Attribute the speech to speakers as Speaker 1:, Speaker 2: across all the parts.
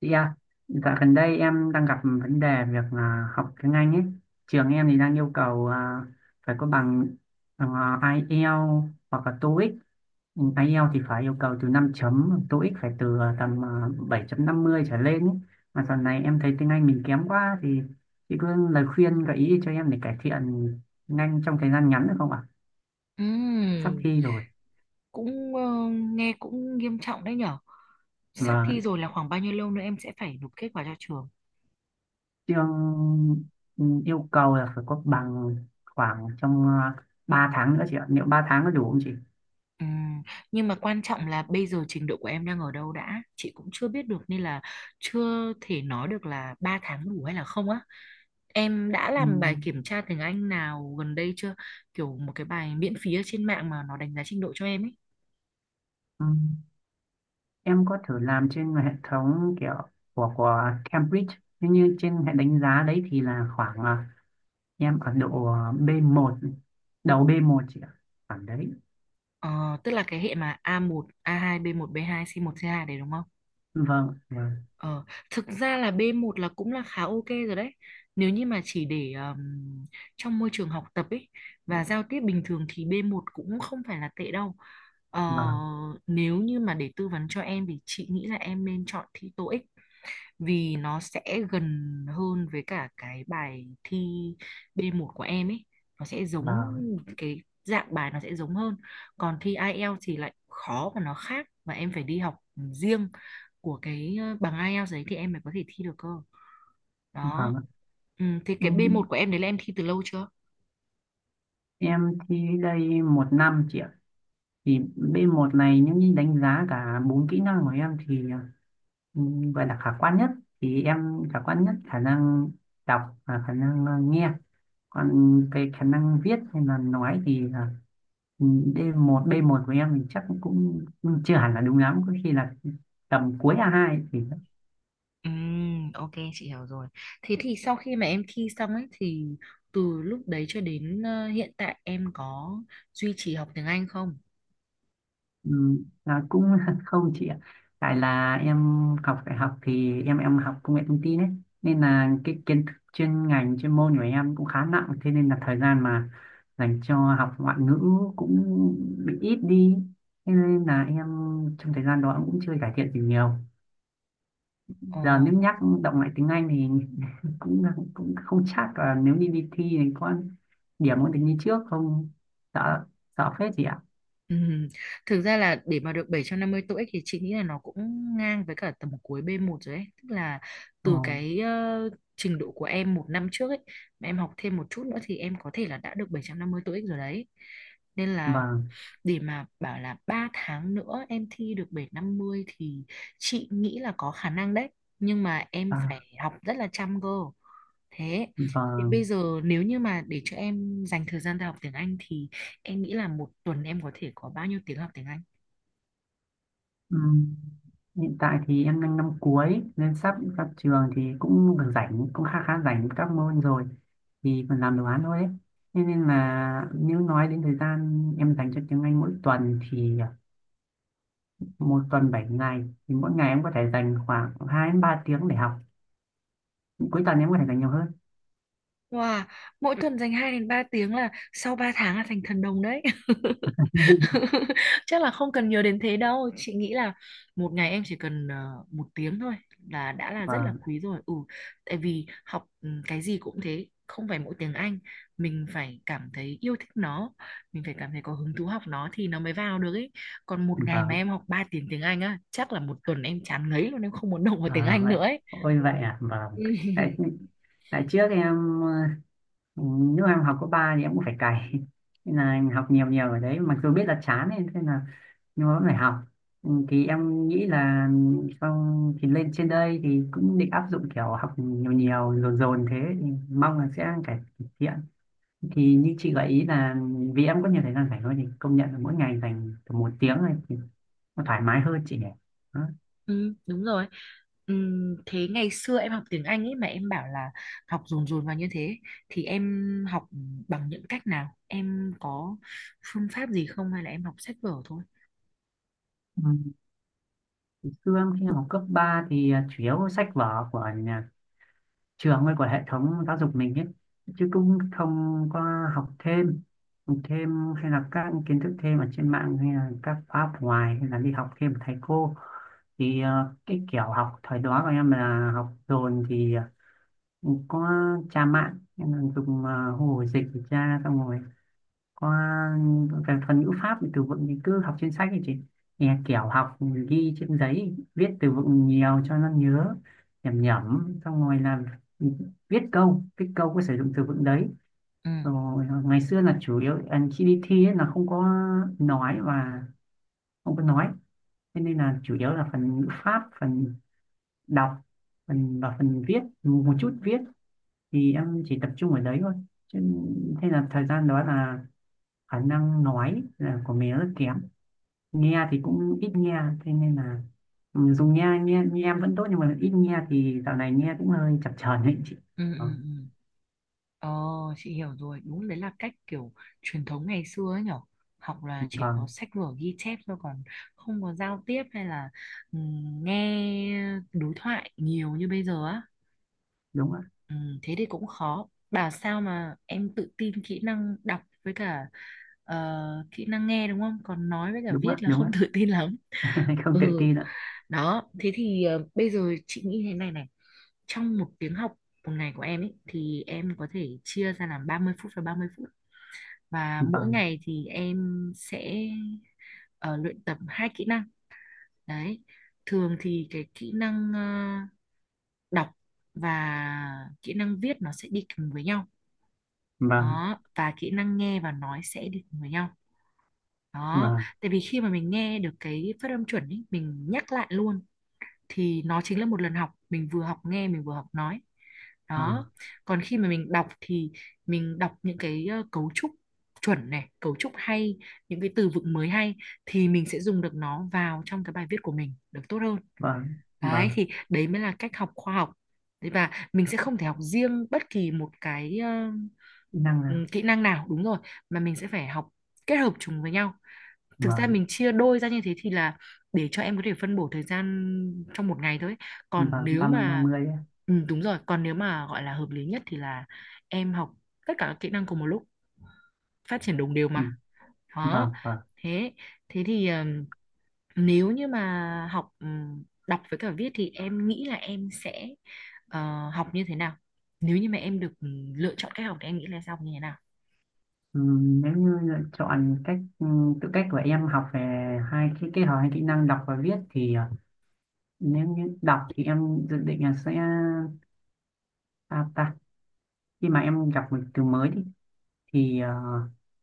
Speaker 1: Chị ạ, dạo gần đây em đang gặp vấn đề việc học tiếng Anh ấy. Trường em thì đang yêu cầu phải có bằng uh, IELTS hoặc là TOEIC. Ừ, IELTS thì phải yêu cầu từ 5 chấm, TOEIC phải từ tầm bảy chấm năm mươi trở lên ấy. Mà dạo này em thấy tiếng Anh mình kém quá thì chị có lời khuyên gợi ý cho em để cải thiện tiếng Anh trong thời gian ngắn được không ạ? Sắp
Speaker 2: Ừm,
Speaker 1: thi rồi.
Speaker 2: cũng nghe cũng nghiêm trọng đấy nhở. Sắp thi
Speaker 1: Vâng.
Speaker 2: rồi là khoảng bao nhiêu lâu nữa em sẽ phải nộp kết quả cho trường?
Speaker 1: chương Yêu cầu là phải có bằng khoảng trong ờ, 3 tháng nữa chị ạ, liệu 3 tháng có đủ không chị?
Speaker 2: Ừm, nhưng mà quan trọng là bây giờ trình độ của em đang ở đâu đã. Chị cũng chưa biết được nên là chưa thể nói được là 3 tháng đủ hay là không á. Em đã
Speaker 1: ừ,
Speaker 2: làm bài kiểm tra tiếng Anh nào gần đây chưa? Kiểu một cái bài miễn phí ở trên mạng mà nó đánh giá trình độ cho em ấy.
Speaker 1: ừ. Em có thử làm trên hệ thống kiểu của Cambridge, nhưng như trên hệ đánh giá đấy thì là khoảng em ở độ B1, đầu B1 chị ạ, khoảng đấy.
Speaker 2: Ờ, Tức là cái hệ mà a một a hai b một b hai c một c hai đấy đúng không?
Speaker 1: Vâng, vâng.
Speaker 2: Ờ, Thực ra là B1 là cũng là khá ok rồi đấy. Nếu như mà chỉ để trong môi trường học tập ấy và giao tiếp bình thường thì B1 cũng không phải là tệ đâu. Ờ,
Speaker 1: Vâng,
Speaker 2: Nếu như mà để tư vấn cho em thì chị nghĩ là em nên chọn thi TOEIC, vì nó sẽ gần hơn với cả cái bài thi B1 của em ấy, nó sẽ giống,
Speaker 1: vâng.
Speaker 2: cái dạng bài nó sẽ giống hơn. Còn thi IELTS thì lại khó và nó khác, và em phải đi học riêng của cái bằng IELTS đấy thì em mới có thể thi được cơ, đó.
Speaker 1: Vâng ạ.
Speaker 2: Thì
Speaker 1: Ừ,
Speaker 2: cái B1 của em đấy là em thi từ lâu chưa?
Speaker 1: em thi đây một năm chị ạ, thì B1 này nếu như đánh giá cả bốn kỹ năng của em thì Ừ, gọi là khả quan nhất, thì em khả quan nhất khả năng đọc và khả năng nghe, còn về khả năng viết hay là nói thì là, ừ, D1, b một của em thì chắc cũng cũng chưa hẳn là đúng lắm, có khi là tầm cuối a hai thì.
Speaker 2: Ừ, ok, chị hiểu rồi. Thế thì sau khi mà em thi xong ấy thì từ lúc đấy cho đến hiện tại em có duy trì học tiếng Anh không?
Speaker 1: Ừ, là cũng không chị ạ, tại là em học đại học thì em học công nghệ thông tin ấy, nên là cái kiến thức chuyên ngành chuyên môn của em cũng khá nặng, thế nên là thời gian mà dành cho học ngoại ngữ cũng bị ít đi, thế nên là em trong thời gian đó cũng chưa cải thiện gì nhiều.
Speaker 2: Ồ.
Speaker 1: Giờ nếu nhắc động lại tiếng Anh thì cũng cũng không chắc là nếu đi đi thi thì có điểm có được như trước không, sợ, sợ phết chị ạ.
Speaker 2: Ừm, Thực ra là để mà được 750 TOEIC thì chị nghĩ là nó cũng ngang với cả tầm cuối b một rồi ấy. Tức là
Speaker 1: Ồ.
Speaker 2: từ cái trình độ của em một năm trước ấy, mà em học thêm một chút nữa thì em có thể là đã được 750 TOEIC rồi đấy. Nên là
Speaker 1: Vâng.
Speaker 2: để mà bảo là 3 tháng nữa em thi được 750 thì chị nghĩ là có khả năng đấy. Nhưng mà em
Speaker 1: À,
Speaker 2: phải học rất là chăm cơ. Thế thì
Speaker 1: vâng.
Speaker 2: bây giờ nếu như mà để cho em dành thời gian ra học tiếng Anh thì em nghĩ là một tuần em có thể có bao nhiêu tiếng học tiếng Anh?
Speaker 1: Ừ. Hiện tại thì em đang năm cuối nên sắp ra trường thì cũng được rảnh, cũng khá khá rảnh các môn rồi, thì còn làm đồ án thôi ấy. Thế nên là nếu nói đến thời gian em dành cho tiếng Anh mỗi tuần thì một tuần 7 ngày thì mỗi ngày em có thể dành khoảng 2 đến 3 tiếng để học, cuối tuần em có thể dành nhiều hơn.
Speaker 2: Wow, mỗi tuần dành 2 đến 3 tiếng là sau 3 tháng là thành thần đồng đấy. Chắc là không cần nhiều đến thế đâu. Chị nghĩ là một ngày em chỉ cần một tiếng thôi là đã là rất là
Speaker 1: Vâng,
Speaker 2: quý rồi. Ừ, tại vì học cái gì cũng thế, không phải mỗi tiếng Anh. Mình phải cảm thấy yêu thích nó, mình phải cảm thấy có hứng thú học nó thì nó mới vào được ấy. Còn một ngày mà
Speaker 1: vâng.
Speaker 2: em học 3 tiếng tiếng Anh á, chắc là một tuần em chán ngấy luôn, em không muốn động vào tiếng
Speaker 1: À,
Speaker 2: Anh
Speaker 1: vậy,
Speaker 2: nữa ấy.
Speaker 1: ôi
Speaker 2: Ừ.
Speaker 1: vậy à, vâng. Tại tại trước em ờ, lúc em học cấp ba thì em cũng phải cày nên là em học nhiều nhiều ở đấy, mặc dù biết là chán ấy, thế là nhưng mà vẫn phải học. Ừ, thì em nghĩ là xong thì lên trên đây thì cũng định áp dụng kiểu học nhiều nhiều dồn dồn thế, thì mong là sẽ cải thiện. Thì như chị gợi ý là vì em có nhiều thời gian rảnh thôi, thì công nhận là mỗi ngày dành tầm một tiếng này thì nó thoải mái hơn chị nhỉ. Đó.
Speaker 2: Ừ, đúng rồi. Thế ngày xưa em học tiếng Anh ấy mà em bảo là học dồn dồn vào như thế thì em học bằng những cách nào? Em có phương pháp gì không, hay là em học sách vở thôi?
Speaker 1: Ừ. Xương khi học cấp 3 thì chủ yếu sách vở của nhà trường hay của hệ thống giáo dục mình ấy, chứ cũng không có học thêm. Học thêm hay là các kiến thức thêm ở trên mạng hay là các khóa học ngoài hay là đi học thêm của thầy cô thì cái kiểu học thời đó của em là học dồn thì có tra mạng, em là dùng hồ dịch để tra, xong rồi còn về phần ngữ pháp thì từ vựng thì cứ học trên sách, thì chị nghe kiểu học ghi trên giấy, viết từ vựng nhiều cho nó nhớ, nhẩm nhẩm xong rồi là viết câu có sử dụng từ vựng đấy,
Speaker 2: Ừ,
Speaker 1: rồi ngày xưa là chủ yếu khi đi thi ấy là không có nói, và không có nói, thế nên là chủ yếu là phần ngữ pháp, phần đọc, phần và phần viết, một chút viết thì em chỉ tập trung ở đấy thôi. Chứ, thế là thời gian đó là khả năng nói là của mình rất kém, nghe thì cũng ít nghe, thế nên là dùng nghe, nghe em vẫn tốt nhưng mà ít nghe thì dạo này nghe cũng hơi chập chờn đấy chị.
Speaker 2: ừ,
Speaker 1: Đó.
Speaker 2: ừ. Ừ. Ờ, chị hiểu rồi. Đúng đấy là cách kiểu truyền thống ngày xưa ấy nhở. Học là chỉ có
Speaker 1: Vâng.
Speaker 2: sách vở ghi chép thôi, còn không có giao tiếp hay là nghe đối thoại nhiều như bây giờ á.
Speaker 1: Đúng ạ,
Speaker 2: Ừ, thế thì cũng khó. Bảo sao mà em tự tin kỹ năng đọc với cả ờ, kỹ năng nghe đúng không? Còn nói với cả
Speaker 1: đúng ạ.
Speaker 2: viết là
Speaker 1: Đúng ạ.
Speaker 2: không tự tin lắm.
Speaker 1: Không tự
Speaker 2: Ừ,
Speaker 1: tin ạ.
Speaker 2: đó. Thế thì bây giờ chị nghĩ thế này này. Trong một tiếng học một ngày của em ấy thì em có thể chia ra làm 30 phút và 30 phút. Và mỗi
Speaker 1: Vâng,
Speaker 2: ngày thì em sẽ luyện tập hai kỹ năng. Đấy. Thường thì cái kỹ năng đọc và kỹ năng viết nó sẽ đi kèm với nhau,
Speaker 1: vâng,
Speaker 2: đó, và kỹ năng nghe và nói sẽ đi cùng với nhau, đó,
Speaker 1: vâng.
Speaker 2: tại vì khi mà mình nghe được cái phát âm chuẩn ý, mình nhắc lại luôn thì nó chính là một lần học, mình vừa học nghe mình vừa học nói,
Speaker 1: Ờ,
Speaker 2: đó. Còn khi mà mình đọc thì mình đọc những cái cấu trúc chuẩn này, cấu trúc hay, những cái từ vựng mới hay, thì mình sẽ dùng được nó vào trong cái bài viết của mình được tốt hơn.
Speaker 1: vâng,
Speaker 2: Đấy
Speaker 1: vâng,
Speaker 2: thì đấy mới là cách học khoa học. Đấy, và mình sẽ không thể học riêng bất kỳ một cái
Speaker 1: kỹ năng nào.
Speaker 2: ừ, kỹ năng nào, đúng rồi, mà mình sẽ phải học kết hợp chúng với nhau. Thực ra
Speaker 1: Vâng,
Speaker 2: mình chia đôi ra như thế thì là để cho em có thể phân bổ thời gian trong một ngày thôi. Còn
Speaker 1: vâng,
Speaker 2: nếu
Speaker 1: ba
Speaker 2: mà
Speaker 1: mươi á.
Speaker 2: Ừ, đúng rồi, còn nếu mà gọi là hợp lý nhất thì là em học tất cả các kỹ năng cùng một lúc, phát triển đồng đều mà.
Speaker 1: Ừ,
Speaker 2: Đó.
Speaker 1: vâng, vâng.
Speaker 2: Thế thế thì nếu như mà học đọc với cả viết thì em nghĩ là em sẽ học như thế nào, nếu như mà em được lựa chọn cách học thì em nghĩ là sẽ học như thế nào?
Speaker 1: Ừ, nếu như lựa chọn cách tự cách của em học về hai cái, kết hợp hai kỹ năng đọc và viết, thì nếu như đọc thì em dự định là sẽ, à, ta khi mà em gặp một từ mới thì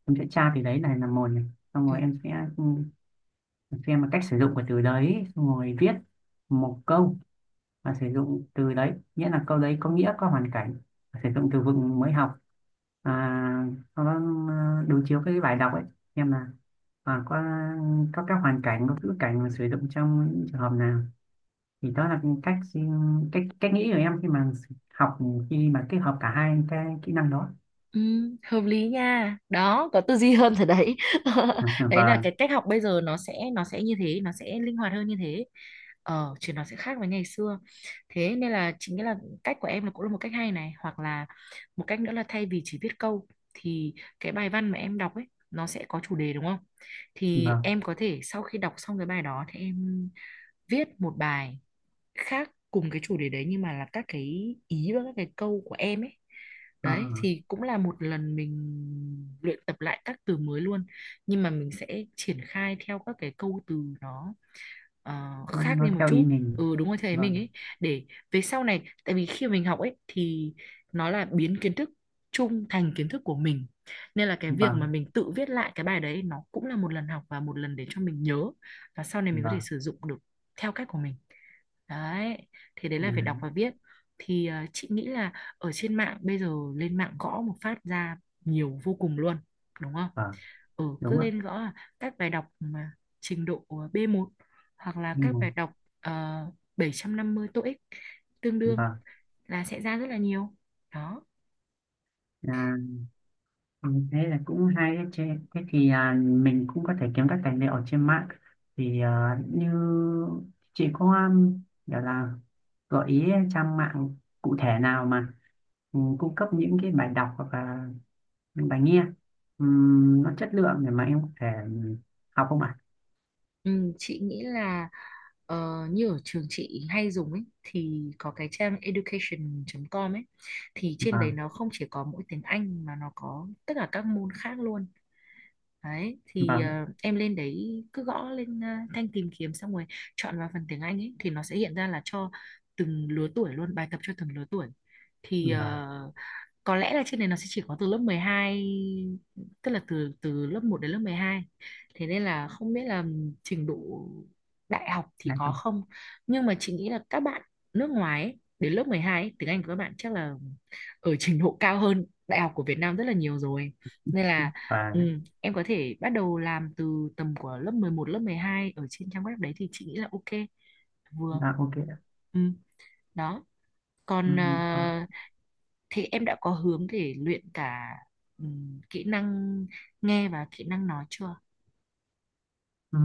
Speaker 1: em sẽ tra từ đấy này là một này, xong
Speaker 2: Ừ.
Speaker 1: rồi em sẽ, xem là cách sử dụng của từ đấy, xong rồi viết một câu và sử dụng từ đấy, nghĩa là câu đấy có nghĩa, có hoàn cảnh sử dụng từ vựng mới học. à, Sau đó đối chiếu cái bài đọc ấy, xem là à, có có các hoàn cảnh, có ngữ cảnh mà sử dụng trong những trường hợp nào. Thì đó là cách cách cách nghĩ của em khi mà học, khi mà kết hợp cả hai cái kỹ năng đó.
Speaker 2: Ừ, hợp lý nha, đó có tư duy hơn rồi đấy. Đấy là
Speaker 1: Vâng,
Speaker 2: cái cách học bây giờ, nó sẽ như thế, nó sẽ linh hoạt hơn như thế, chứ nó sẽ khác với ngày xưa. Thế nên là chính cái là cách của em là cũng là một cách hay này, hoặc là một cách nữa là thay vì chỉ viết câu thì cái bài văn mà em đọc ấy, nó sẽ có chủ đề đúng không, thì
Speaker 1: vâng.
Speaker 2: em có thể sau khi đọc xong cái bài đó thì em viết một bài khác cùng cái chủ đề đấy nhưng mà là các cái ý và các cái câu của em ấy.
Speaker 1: Ờ,
Speaker 2: Đấy thì cũng là một lần mình luyện tập lại các từ mới luôn, nhưng mà mình sẽ triển khai theo các cái câu từ nó khác đi
Speaker 1: nó
Speaker 2: một
Speaker 1: theo ý
Speaker 2: chút.
Speaker 1: mình.
Speaker 2: Ừ đúng rồi, thầy mình
Speaker 1: Vâng,
Speaker 2: ấy, để về sau này, tại vì khi mình học ấy thì nó là biến kiến thức chung thành kiến thức của mình, nên là cái việc
Speaker 1: vâng,
Speaker 2: mà mình tự viết lại cái bài đấy nó cũng là một lần học và một lần để cho mình nhớ và sau này mình có thể
Speaker 1: vâng.
Speaker 2: sử dụng được theo cách của mình, đấy. Thì đấy là
Speaker 1: À,
Speaker 2: về đọc và viết. Thì chị nghĩ là ở trên mạng bây giờ lên mạng gõ một phát ra nhiều vô cùng luôn, đúng không?
Speaker 1: vâng.
Speaker 2: Ừ, cứ
Speaker 1: Đúng ạ.
Speaker 2: lên gõ là các bài đọc mà trình độ b một hoặc là
Speaker 1: Anh
Speaker 2: các
Speaker 1: Hùng.
Speaker 2: bài đọc ờ, 750 TOEIC tương đương
Speaker 1: Vâng.
Speaker 2: là sẽ ra rất là nhiều, đó.
Speaker 1: à, ừ, Thế là cũng hay đấy chứ. Thế thì mình cũng có thể kiếm các tài liệu ở trên mạng, thì như chị có gọi là gợi ý trang mạng cụ thể nào mà cung cấp những cái bài đọc hoặc là những bài nghe, nó chất lượng để mà em có thể học không ạ?
Speaker 2: Ừ, chị nghĩ là như ở trường chị hay dùng ấy thì có cái trang education.com ấy, thì trên đấy
Speaker 1: Vâng,
Speaker 2: nó không chỉ có mỗi tiếng Anh mà nó có tất cả các môn khác luôn. Đấy thì
Speaker 1: vâng,
Speaker 2: em lên đấy cứ gõ lên thanh tìm kiếm, xong rồi chọn vào phần tiếng Anh ấy thì nó sẽ hiện ra là cho từng lứa tuổi luôn, bài tập cho từng lứa tuổi. Thì
Speaker 1: vâng. Đấy.
Speaker 2: có lẽ là trên này nó sẽ chỉ có từ lớp 12, tức là từ từ lớp một đến lớp 12, thế nên là không biết là trình độ đại học thì có không, nhưng mà chị nghĩ là các bạn nước ngoài ấy, đến lớp 12 ấy, tiếng Anh của các bạn chắc là ở trình độ cao hơn đại học của Việt Nam rất là nhiều rồi, nên là, ừ,
Speaker 1: Vâng.
Speaker 2: em có thể bắt đầu làm từ tầm của lớp 11 lớp 12 ở trên trang web đấy thì chị nghĩ là ok vừa.
Speaker 1: Dạ, ok.
Speaker 2: Ừ, đó.
Speaker 1: Ừ.
Speaker 2: Còn
Speaker 1: ờ,
Speaker 2: thì em đã có hướng để luyện cả kỹ năng nghe và kỹ năng nói chưa?
Speaker 1: ừ,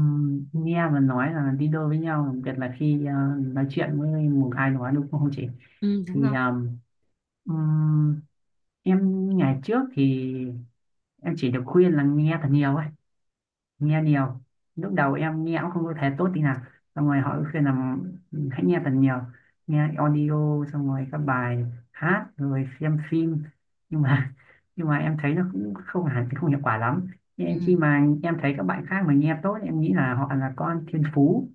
Speaker 1: Nghe và nói là đi đôi với nhau, đặc biệt là khi nói chuyện với một ai đó đúng không chị?
Speaker 2: Ừ, đúng
Speaker 1: Thì
Speaker 2: rồi.
Speaker 1: ừm, em ngày trước thì em chỉ được khuyên là nghe thật nhiều ấy, nghe nhiều. Lúc đầu em nghe cũng không có thể tốt tí nào, xong rồi họ cứ khuyên là "Ừ, hãy nghe thật nhiều, nghe audio, xong rồi các bài hát, rồi xem phim", nhưng mà nhưng mà em thấy nó cũng không hẳn, không hiệu quả lắm.
Speaker 2: Ừ.
Speaker 1: Nhưng khi mà em thấy các bạn khác mà nghe tốt, em nghĩ là họ là con thiên phú,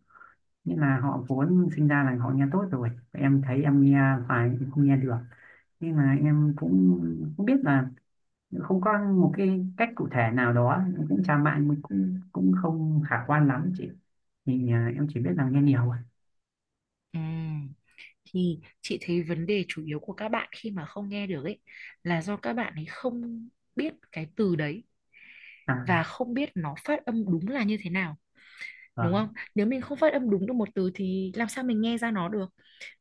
Speaker 1: nên là họ vốn sinh ra là họ nghe tốt rồi, em thấy em nghe, phải không nghe được. Nhưng mà em cũng cũng biết là không có một cái cách cụ thể nào đó, cũng chả mạng cũng cũng không khả quan lắm chị, thì em chỉ biết là nghe nhiều thôi.
Speaker 2: Ừ. Thì chị thấy vấn đề chủ yếu của các bạn khi mà không nghe được ấy là do các bạn ấy không biết cái từ đấy và
Speaker 1: À,
Speaker 2: không biết nó phát âm đúng là như thế nào. Đúng không?
Speaker 1: vâng,
Speaker 2: Nếu mình không phát âm đúng được một từ thì làm sao mình nghe ra nó được.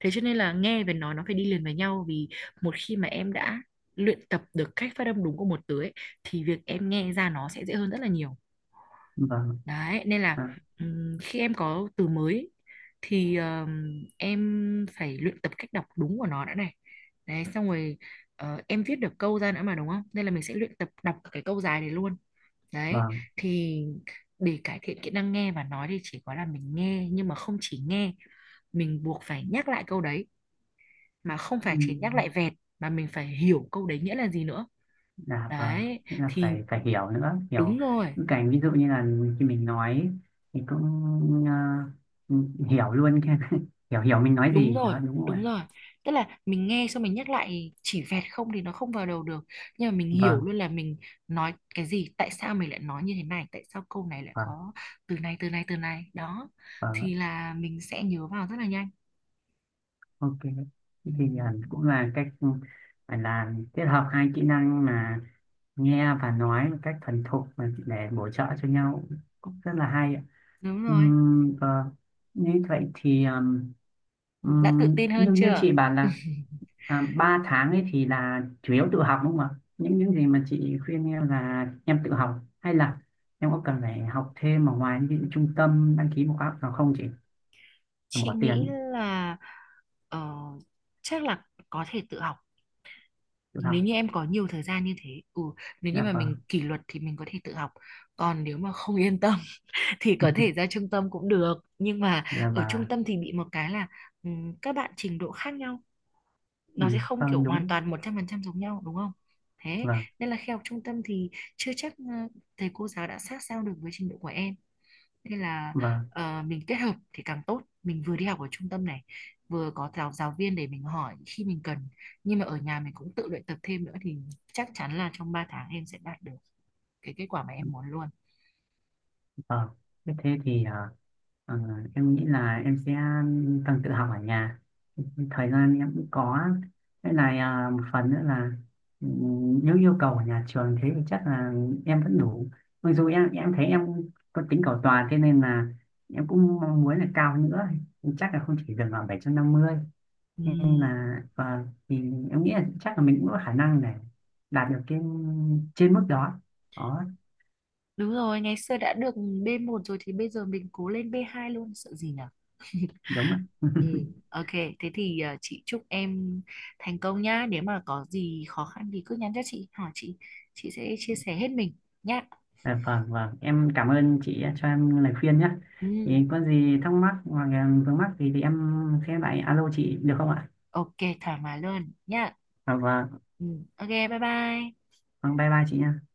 Speaker 2: Thế cho nên là nghe và nói nó phải đi liền với nhau, vì một khi mà em đã luyện tập được cách phát âm đúng của một từ ấy thì việc em nghe ra nó sẽ dễ hơn rất là nhiều.
Speaker 1: vâng.
Speaker 2: Đấy nên là
Speaker 1: À,
Speaker 2: khi em có từ mới thì em phải luyện tập cách đọc đúng của nó đã này. Đấy xong rồi em viết được câu ra nữa mà, đúng không, nên là mình sẽ luyện tập đọc cái câu dài này luôn. Đấy,
Speaker 1: vâng.
Speaker 2: thì để cải thiện kỹ năng nghe và nói thì chỉ có là mình nghe nhưng mà không chỉ nghe, mình buộc phải nhắc lại câu đấy, mà không
Speaker 1: ừ,
Speaker 2: phải chỉ nhắc lại vẹt, mà mình phải hiểu câu đấy nghĩa là gì nữa.
Speaker 1: dạ vâng.
Speaker 2: Đấy,
Speaker 1: Nghĩa là
Speaker 2: thì
Speaker 1: phải phải hiểu nữa, hiểu
Speaker 2: đúng rồi,
Speaker 1: những cái ví dụ như là khi mình nói thì cũng à, ừ, hiểu luôn cái hiểu hiểu mình nói
Speaker 2: đúng
Speaker 1: gì
Speaker 2: rồi,
Speaker 1: đó đúng không
Speaker 2: đúng
Speaker 1: ạ?
Speaker 2: rồi. Tức là mình nghe xong mình nhắc lại chỉ vẹt không thì nó không vào đầu được, nhưng mà mình hiểu
Speaker 1: Vâng,
Speaker 2: luôn là mình nói cái gì, tại sao mình lại nói như thế này, tại sao câu này lại
Speaker 1: vâng,
Speaker 2: có từ này từ này từ này. Đó, thì
Speaker 1: vâng.
Speaker 2: là mình sẽ nhớ vào rất là nhanh.
Speaker 1: Ok,
Speaker 2: Ừ,
Speaker 1: thì cũng là cách phải là kết hợp hai kỹ năng mà nghe và nói một cách thuần thục mà để bổ trợ cho nhau, cũng rất là hay ạ.
Speaker 2: đúng rồi.
Speaker 1: Vâng. Như vậy thì
Speaker 2: Đã tự tin hơn
Speaker 1: như như
Speaker 2: chưa?
Speaker 1: chị bảo là ba tháng ấy thì là chủ yếu tự học đúng không ạ? Những gì mà chị khuyên em là em tự học hay là em có cần phải học thêm ở ngoài, những trung tâm đăng ký một khóa học nào không chị?
Speaker 2: Chị
Speaker 1: Bỏ
Speaker 2: nghĩ
Speaker 1: tiền
Speaker 2: là ờ, chắc là có thể tự học
Speaker 1: tự học.
Speaker 2: nếu như em có nhiều thời gian như thế. Ừ, nếu như
Speaker 1: Dạ
Speaker 2: mà
Speaker 1: vâng.
Speaker 2: mình kỷ luật thì mình có thể tự học. Còn nếu mà không yên tâm thì có thể ra trung tâm cũng được. Nhưng mà
Speaker 1: Dạ,
Speaker 2: ở trung
Speaker 1: và.
Speaker 2: tâm thì bị một cái là các bạn trình độ khác nhau, nó
Speaker 1: Ừ,
Speaker 2: sẽ không kiểu
Speaker 1: vâng,
Speaker 2: hoàn
Speaker 1: đúng.
Speaker 2: toàn 100% giống nhau, đúng không? Thế
Speaker 1: và
Speaker 2: nên là khi học trung tâm thì chưa chắc thầy cô giáo đã sát sao được với trình độ của em. Nên là
Speaker 1: và
Speaker 2: mình kết hợp thì càng tốt, mình vừa đi học ở trung tâm này, vừa có giáo giáo viên để mình hỏi khi mình cần, nhưng mà ở nhà mình cũng tự luyện tập thêm nữa thì chắc chắn là trong 3 tháng em sẽ đạt được cái kết quả mà em muốn luôn.
Speaker 1: ờ. Thế thế thì ờ, em nghĩ là em sẽ cần tự học ở nhà, thời gian em cũng có. Thế này, một phần nữa là ừ, nếu yêu cầu ở nhà trường thế thì chắc là em vẫn đủ, mặc dù em thấy em có tính cầu toàn, thế nên là em cũng mong muốn là cao nữa, chắc là không chỉ dừng ở bảy trăm năm mươi, nhưng
Speaker 2: Ừm,
Speaker 1: mà thì em nghĩ là chắc là mình cũng có khả năng để đạt được cái trên mức đó. Đó.
Speaker 2: Đúng rồi, ngày xưa đã được B1 rồi thì bây giờ mình cố lên B2 luôn, sợ gì nhở.
Speaker 1: Đúng ạ.
Speaker 2: Ừ, ok, thế thì chị chúc em thành công nhá. Nếu mà có gì khó khăn thì cứ nhắn cho chị, hỏi chị sẽ chia sẻ hết mình nhá.
Speaker 1: Dạ, vâng, vâng, em cảm ơn chị cho em lời khuyên nhé,
Speaker 2: Ừ.
Speaker 1: thì có gì thắc mắc hoặc là vướng mắc thì em sẽ lại alo chị được không ạ?
Speaker 2: Ok, thoải mái luôn nhá.
Speaker 1: Dạ, vâng,
Speaker 2: Ừ, ok, bye bye.
Speaker 1: vâng, bye bye chị nha.